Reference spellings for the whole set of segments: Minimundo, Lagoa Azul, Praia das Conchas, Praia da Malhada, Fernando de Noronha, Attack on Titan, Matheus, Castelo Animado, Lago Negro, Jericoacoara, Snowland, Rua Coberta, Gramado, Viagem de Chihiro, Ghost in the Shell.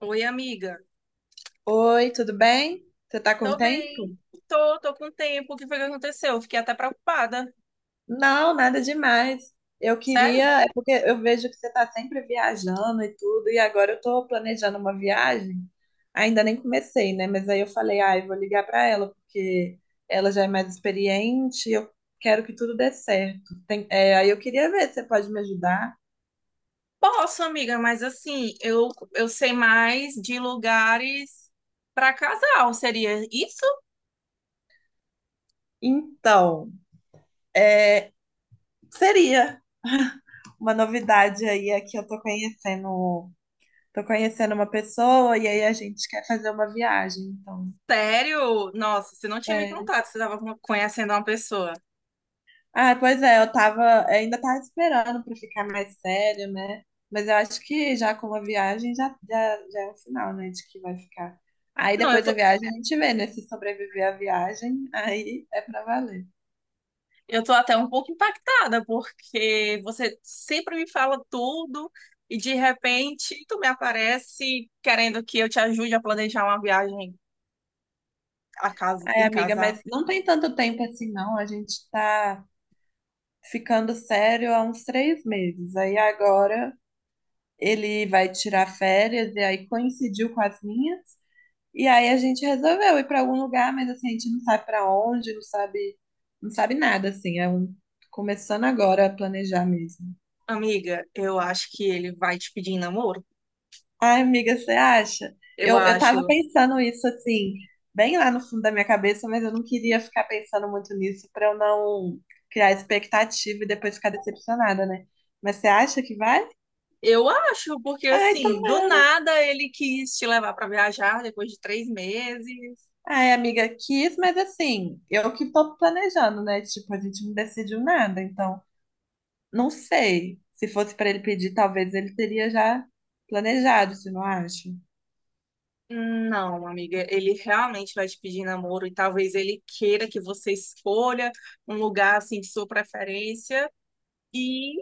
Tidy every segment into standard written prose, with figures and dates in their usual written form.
Oi, amiga. Oi, tudo bem? Você tá com Tô tempo? bem. Tô com tempo. O que foi que aconteceu? Fiquei até preocupada. Não, nada demais. Eu Sério? queria, é porque eu vejo que você tá sempre viajando e tudo, e agora eu tô planejando uma viagem. Ainda nem comecei, né? Mas aí eu falei, ah, eu vou ligar pra ela, porque ela já é mais experiente, eu quero que tudo dê certo. Aí eu queria ver se você pode me ajudar. Posso, amiga, mas assim, eu sei mais de lugares pra casal. Seria isso? Então, é, seria uma novidade aí, é que eu tô conhecendo. Tô conhecendo uma pessoa e aí a gente quer fazer uma viagem, então, Sério? Nossa, você não tinha me sério. contado, você estava conhecendo uma pessoa. Ah, pois é, eu tava, ainda tava esperando pra ficar mais sério, né? Mas eu acho que já com uma viagem já é um sinal, né, de que vai ficar. Aí Não, eu depois da tô, viagem a gente vê, né, se sobreviver à viagem, aí é pra valer. eu tô até um pouco impactada, porque você sempre me fala tudo e de repente tu me aparece querendo que eu te ajude a planejar uma viagem a casa, Ai, em amiga, casal. mas não tem tanto tempo assim, não. A gente tá ficando sério há uns 3 meses. Aí agora ele vai tirar férias e aí coincidiu com as minhas. E aí a gente resolveu ir para algum lugar, mas assim, a gente não sabe para onde, não sabe, não sabe nada, assim, é um começando agora a planejar mesmo. Amiga, eu acho que ele vai te pedir em namoro. Ai, amiga, você acha? Eu Eu tava acho. pensando isso assim, bem lá no fundo da minha cabeça, mas eu não queria ficar pensando muito nisso para eu não criar expectativa e depois ficar decepcionada, né? Mas você acha que vai? Eu acho, porque Ai, assim, do tomara. nada ele quis te levar pra viajar depois de 3 meses. Ai, amiga, quis, mas assim, eu que tô planejando, né? Tipo, a gente não decidiu nada, então. Não sei. Se fosse para ele pedir, talvez ele teria já planejado, se não acha? Não, amiga, ele realmente vai te pedir em namoro e talvez ele queira que você escolha um lugar assim de sua preferência. E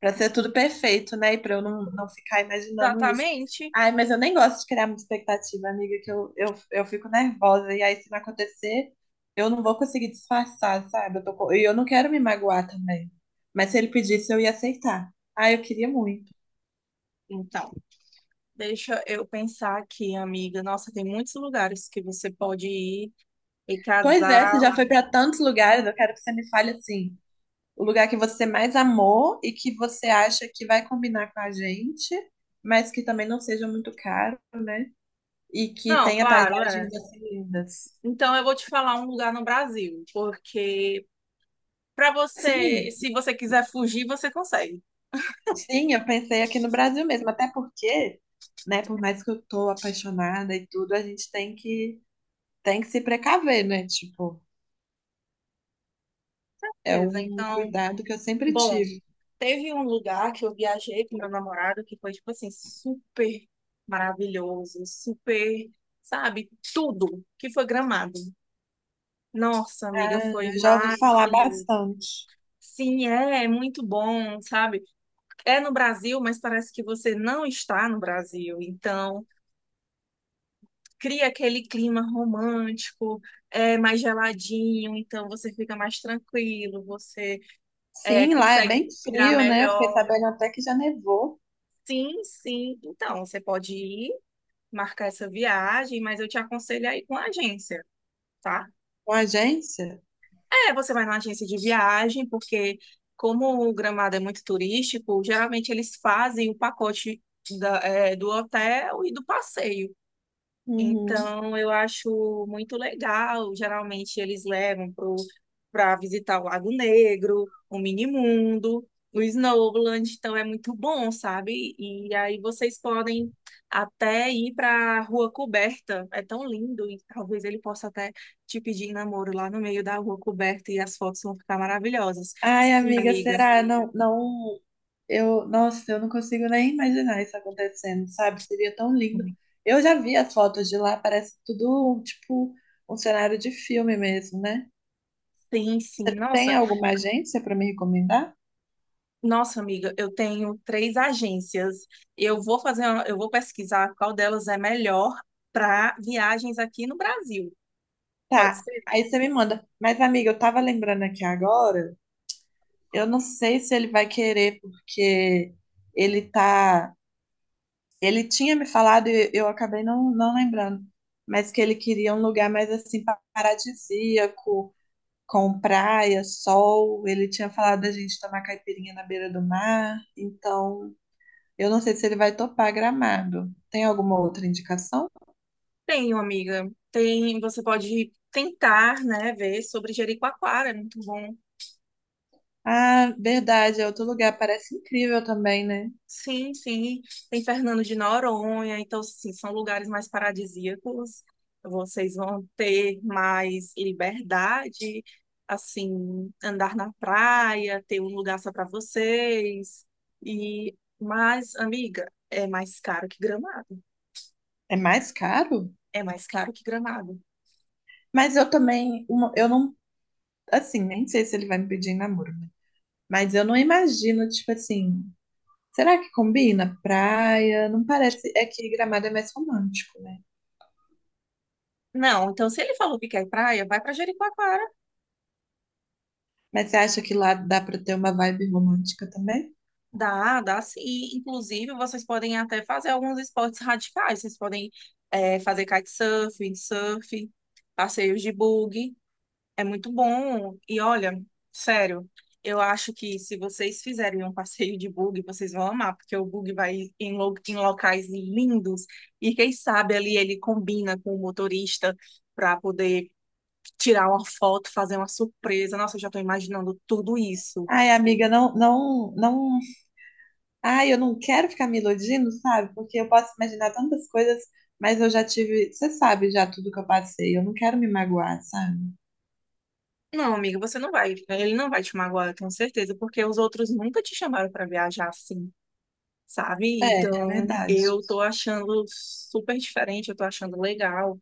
Para ser tudo perfeito, né? E para eu não ficar imaginando isso. exatamente. Ai, mas eu nem gosto de criar muita expectativa, amiga, que eu fico nervosa. E aí, se não acontecer, eu não vou conseguir disfarçar, sabe? Eu tô, e eu não quero me magoar também. Mas se ele pedisse, eu ia aceitar. Ai, eu queria muito. Então, deixa eu pensar aqui, amiga. Nossa, tem muitos lugares que você pode ir e Pois é, você já casal. foi para tantos lugares, eu quero que você me fale assim o lugar que você mais amou e que você acha que vai combinar com a gente, mas que também não seja muito caro, né? E que Não, tenha claro, é. paisagens assim lindas. Então, eu vou te falar um lugar no Brasil, porque para você, Sim, se você quiser fugir, você consegue. sim, eu pensei aqui no Brasil mesmo, até porque, né, por mais que eu tô apaixonada e tudo, a gente tem que se precaver, né? Tipo, é Beleza, um então, cuidado que eu sempre bom, tive. teve um lugar que eu viajei com meu namorado que foi, tipo assim, super maravilhoso, super, sabe, tudo, que foi Gramado. Nossa, amiga, Ah, foi já ouvi falar maravilhoso. bastante. Sim, é muito bom, sabe? É no Brasil, mas parece que você não está no Brasil. Então, cria aquele clima romântico, é mais geladinho, então você fica mais tranquilo, você Sim, lá é consegue bem respirar frio, né? Eu fiquei melhor. sabendo até que já nevou Sim, sim. Então, você pode ir marcar essa viagem, mas eu te aconselho aí com a agência, tá? com a agência. É, você vai na agência de viagem, porque como o Gramado é muito turístico, geralmente eles fazem o pacote do hotel e do passeio. Uhum. Então, eu acho muito legal. Geralmente, eles levam pro para visitar o Lago Negro, o Minimundo, o Snowland. Então, é muito bom, sabe? E aí, vocês podem até ir para a Rua Coberta. É tão lindo. E talvez ele possa até te pedir em namoro lá no meio da Rua Coberta. E as fotos vão ficar maravilhosas. Ai, Sim, amiga, amiga. será? Não, não, eu, nossa, eu não consigo nem imaginar isso acontecendo, sabe? Seria tão lindo. Eu já vi as fotos de lá, parece tudo um, tipo um cenário de filme mesmo, né? Sim, sim. Você tem Nossa. alguma agência para me recomendar? Nossa, amiga, eu tenho três agências. Eu vou pesquisar qual delas é melhor para viagens aqui no Brasil. Pode Tá. ser? Aí você me manda. Mas, amiga, eu tava lembrando aqui agora, eu não sei se ele vai querer, porque ele tá. Ele tinha me falado e eu acabei não lembrando, mas que ele queria um lugar mais assim paradisíaco com praia, sol. Ele tinha falado da gente tomar caipirinha na beira do mar. Então, eu não sei se ele vai topar Gramado. Tem alguma outra indicação? Tenho, amiga. Tem, você pode tentar, né, ver sobre Jericoacoara, é muito bom. Ah, verdade, é outro lugar. Parece incrível também, né? Sim, sim. Tem Fernando de Noronha, então, assim, são lugares mais paradisíacos. Vocês vão ter mais liberdade, assim, andar na praia, ter um lugar só para vocês. E, mas, amiga, é mais caro que Gramado. É mais caro? É mais caro que Gramado. Mas eu também, eu não, assim, nem sei se ele vai me pedir em namoro, né? Mas eu não imagino, tipo assim, será que combina? Praia, não parece, é que Gramado é mais romântico, né? Não, então se ele falou que quer praia, vai para Jericoacoara. Mas você acha que lá dá pra ter uma vibe romântica também? Dá, dá sim. E, inclusive, vocês podem até fazer alguns esportes radicais. Vocês podem fazer kitesurf, windsurf, passeios de buggy. É muito bom. E olha, sério, eu acho que se vocês fizerem um passeio de buggy, vocês vão amar, porque o buggy vai em locais lindos. E quem sabe ali ele combina com o motorista para poder tirar uma foto, fazer uma surpresa. Nossa, eu já estou imaginando tudo isso. Ai, amiga, não, não, não. Ai, eu não quero ficar me iludindo, sabe? Porque eu posso imaginar tantas coisas, mas eu já tive. Você sabe já tudo que eu passei. Eu não quero me magoar, sabe? Não, amiga, você não vai. Ele não vai te magoar, eu tenho certeza, porque os outros nunca te chamaram pra viajar assim, sabe? É, Então, verdade. eu tô achando super diferente, eu tô achando legal.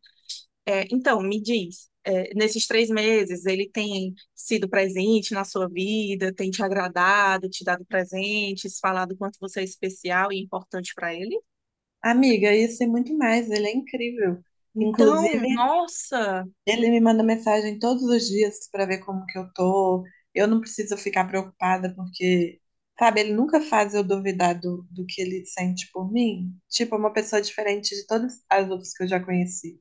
É, então, me diz, nesses 3 meses, ele tem sido presente na sua vida, tem te agradado, te dado presentes, falado quanto você é especial e importante pra ele? Amiga, isso e muito mais. Ele é incrível. Então, Inclusive, nossa. ele me manda mensagem todos os dias pra ver como que eu tô. Eu não preciso ficar preocupada porque, sabe, ele nunca faz eu duvidar do que ele sente por mim. Tipo, é uma pessoa diferente de todas as outras que eu já conheci.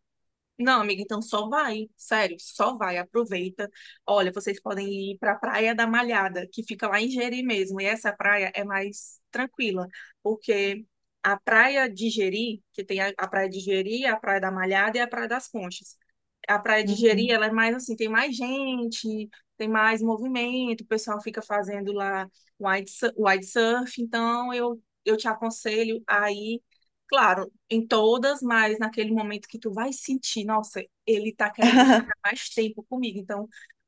Não, amiga, então só vai, sério, só vai, aproveita. Olha, vocês podem ir para a Praia da Malhada, que fica lá em Jeri mesmo, e essa praia é mais tranquila, porque a Praia de Jeri, que tem a Praia de Jeri, a Praia da Malhada e a Praia das Conchas. A Praia de Jeri, ela é mais assim, tem mais gente, tem mais movimento, o pessoal fica fazendo lá wide surf, então eu te aconselho aí. Claro, em todas, mas naquele momento que tu vai sentir, nossa, ele tá querendo ficar mais tempo comigo, então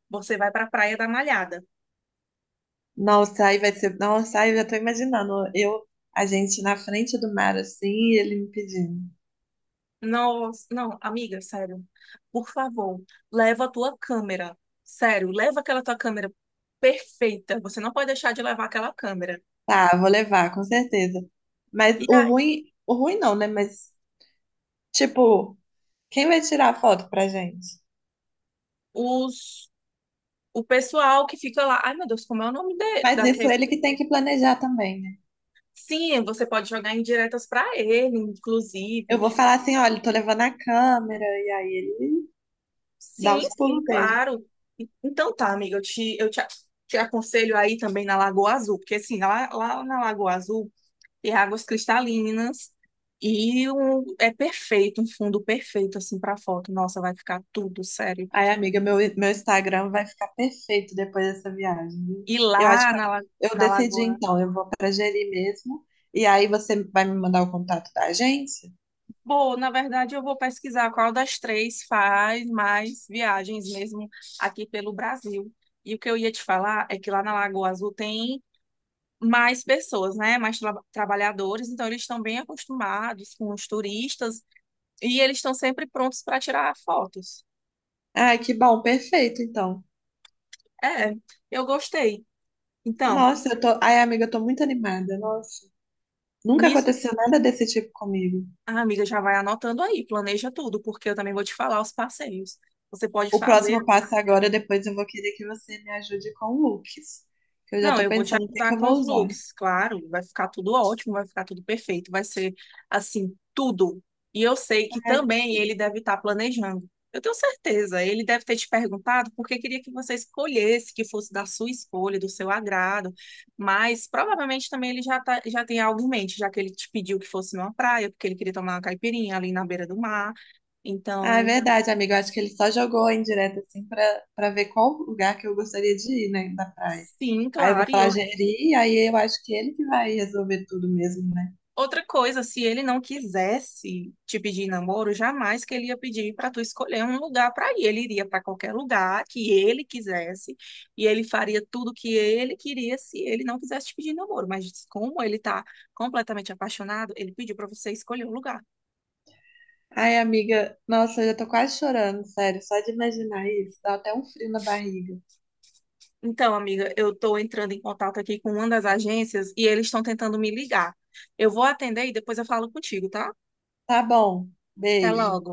você vai pra Praia da Malhada. Nossa, aí vai ser. Nossa, aí eu já tô imaginando. Eu, a gente na frente do mar, assim, e ele me pedindo. Nossa, não, amiga, sério, por favor, leva a tua câmera, sério, leva aquela tua câmera perfeita, você não pode deixar de levar aquela câmera. Tá, vou levar, com certeza. Mas E aí, o ruim não, né? Mas, tipo, quem vai tirar a foto pra gente? os, o pessoal que fica lá, ai meu Deus, como é o nome de, Mas isso daquele... ele que tem que planejar também, né? Sim, você pode jogar indiretas pra ele, Eu inclusive. vou falar assim, olha, tô levando a câmera, e aí ele dá Sim, os sim, pulos dele. claro. Então tá, amiga, te aconselho aí também na Lagoa Azul, porque assim, lá na Lagoa Azul tem águas cristalinas e um, é perfeito, um fundo perfeito assim para foto. Nossa, vai ficar tudo sério. Ai, amiga, meu Instagram vai ficar perfeito depois dessa viagem, viu? E Eu acho lá que na, La- eu na decidi, Lagoa. então, eu vou para Jeri mesmo, e aí você vai me mandar o contato da agência? Bom, na verdade eu vou pesquisar qual das três faz mais viagens mesmo aqui pelo Brasil. E o que eu ia te falar é que lá na Lagoa Azul tem mais pessoas, né? Mais trabalhadores, então eles estão bem acostumados com os turistas e eles estão sempre prontos para tirar fotos. Ai, que bom, perfeito, então. É, eu gostei. Então, Nossa, eu tô. Ai, amiga, eu tô muito animada, nossa. Nunca nisso, aconteceu nada desse tipo comigo. a amiga já vai anotando aí, planeja tudo, porque eu também vou te falar os passeios. Você pode O fazer. próximo passo agora, depois eu vou querer que você me ajude com looks, que eu já Não, tô eu vou te pensando o que que ajudar eu com os vou usar. looks, claro. Vai ficar tudo ótimo, vai ficar tudo perfeito, vai ser assim, tudo. E eu sei que Ai, que também ele tudo. deve estar planejando. Eu tenho certeza, ele deve ter te perguntado porque queria que você escolhesse, que fosse da sua escolha, do seu agrado. Mas provavelmente também ele já tem algo em mente, já que ele te pediu que fosse numa praia, porque ele queria tomar uma caipirinha ali na beira do mar. Ah, é Então, verdade, amigo. Eu acho que ele só jogou a indireta assim pra ver qual lugar que eu gostaria de ir, né, da praia. sim, Aí eu vou claro, e falar eu Jeri, aí eu acho que ele que vai resolver tudo mesmo, né? outra coisa, se ele não quisesse te pedir em namoro, jamais que ele ia pedir para tu escolher um lugar para ir. Ele iria para qualquer lugar que ele quisesse e ele faria tudo que ele queria se ele não quisesse te pedir em namoro. Mas como ele tá completamente apaixonado, ele pediu para você escolher um lugar. Ai, amiga, nossa, eu já tô quase chorando, sério. Só de imaginar isso, dá até um frio na barriga. Então, amiga, eu tô entrando em contato aqui com uma das agências e eles estão tentando me ligar. Eu vou atender e depois eu falo contigo, tá? Tá bom, Até beijo. logo.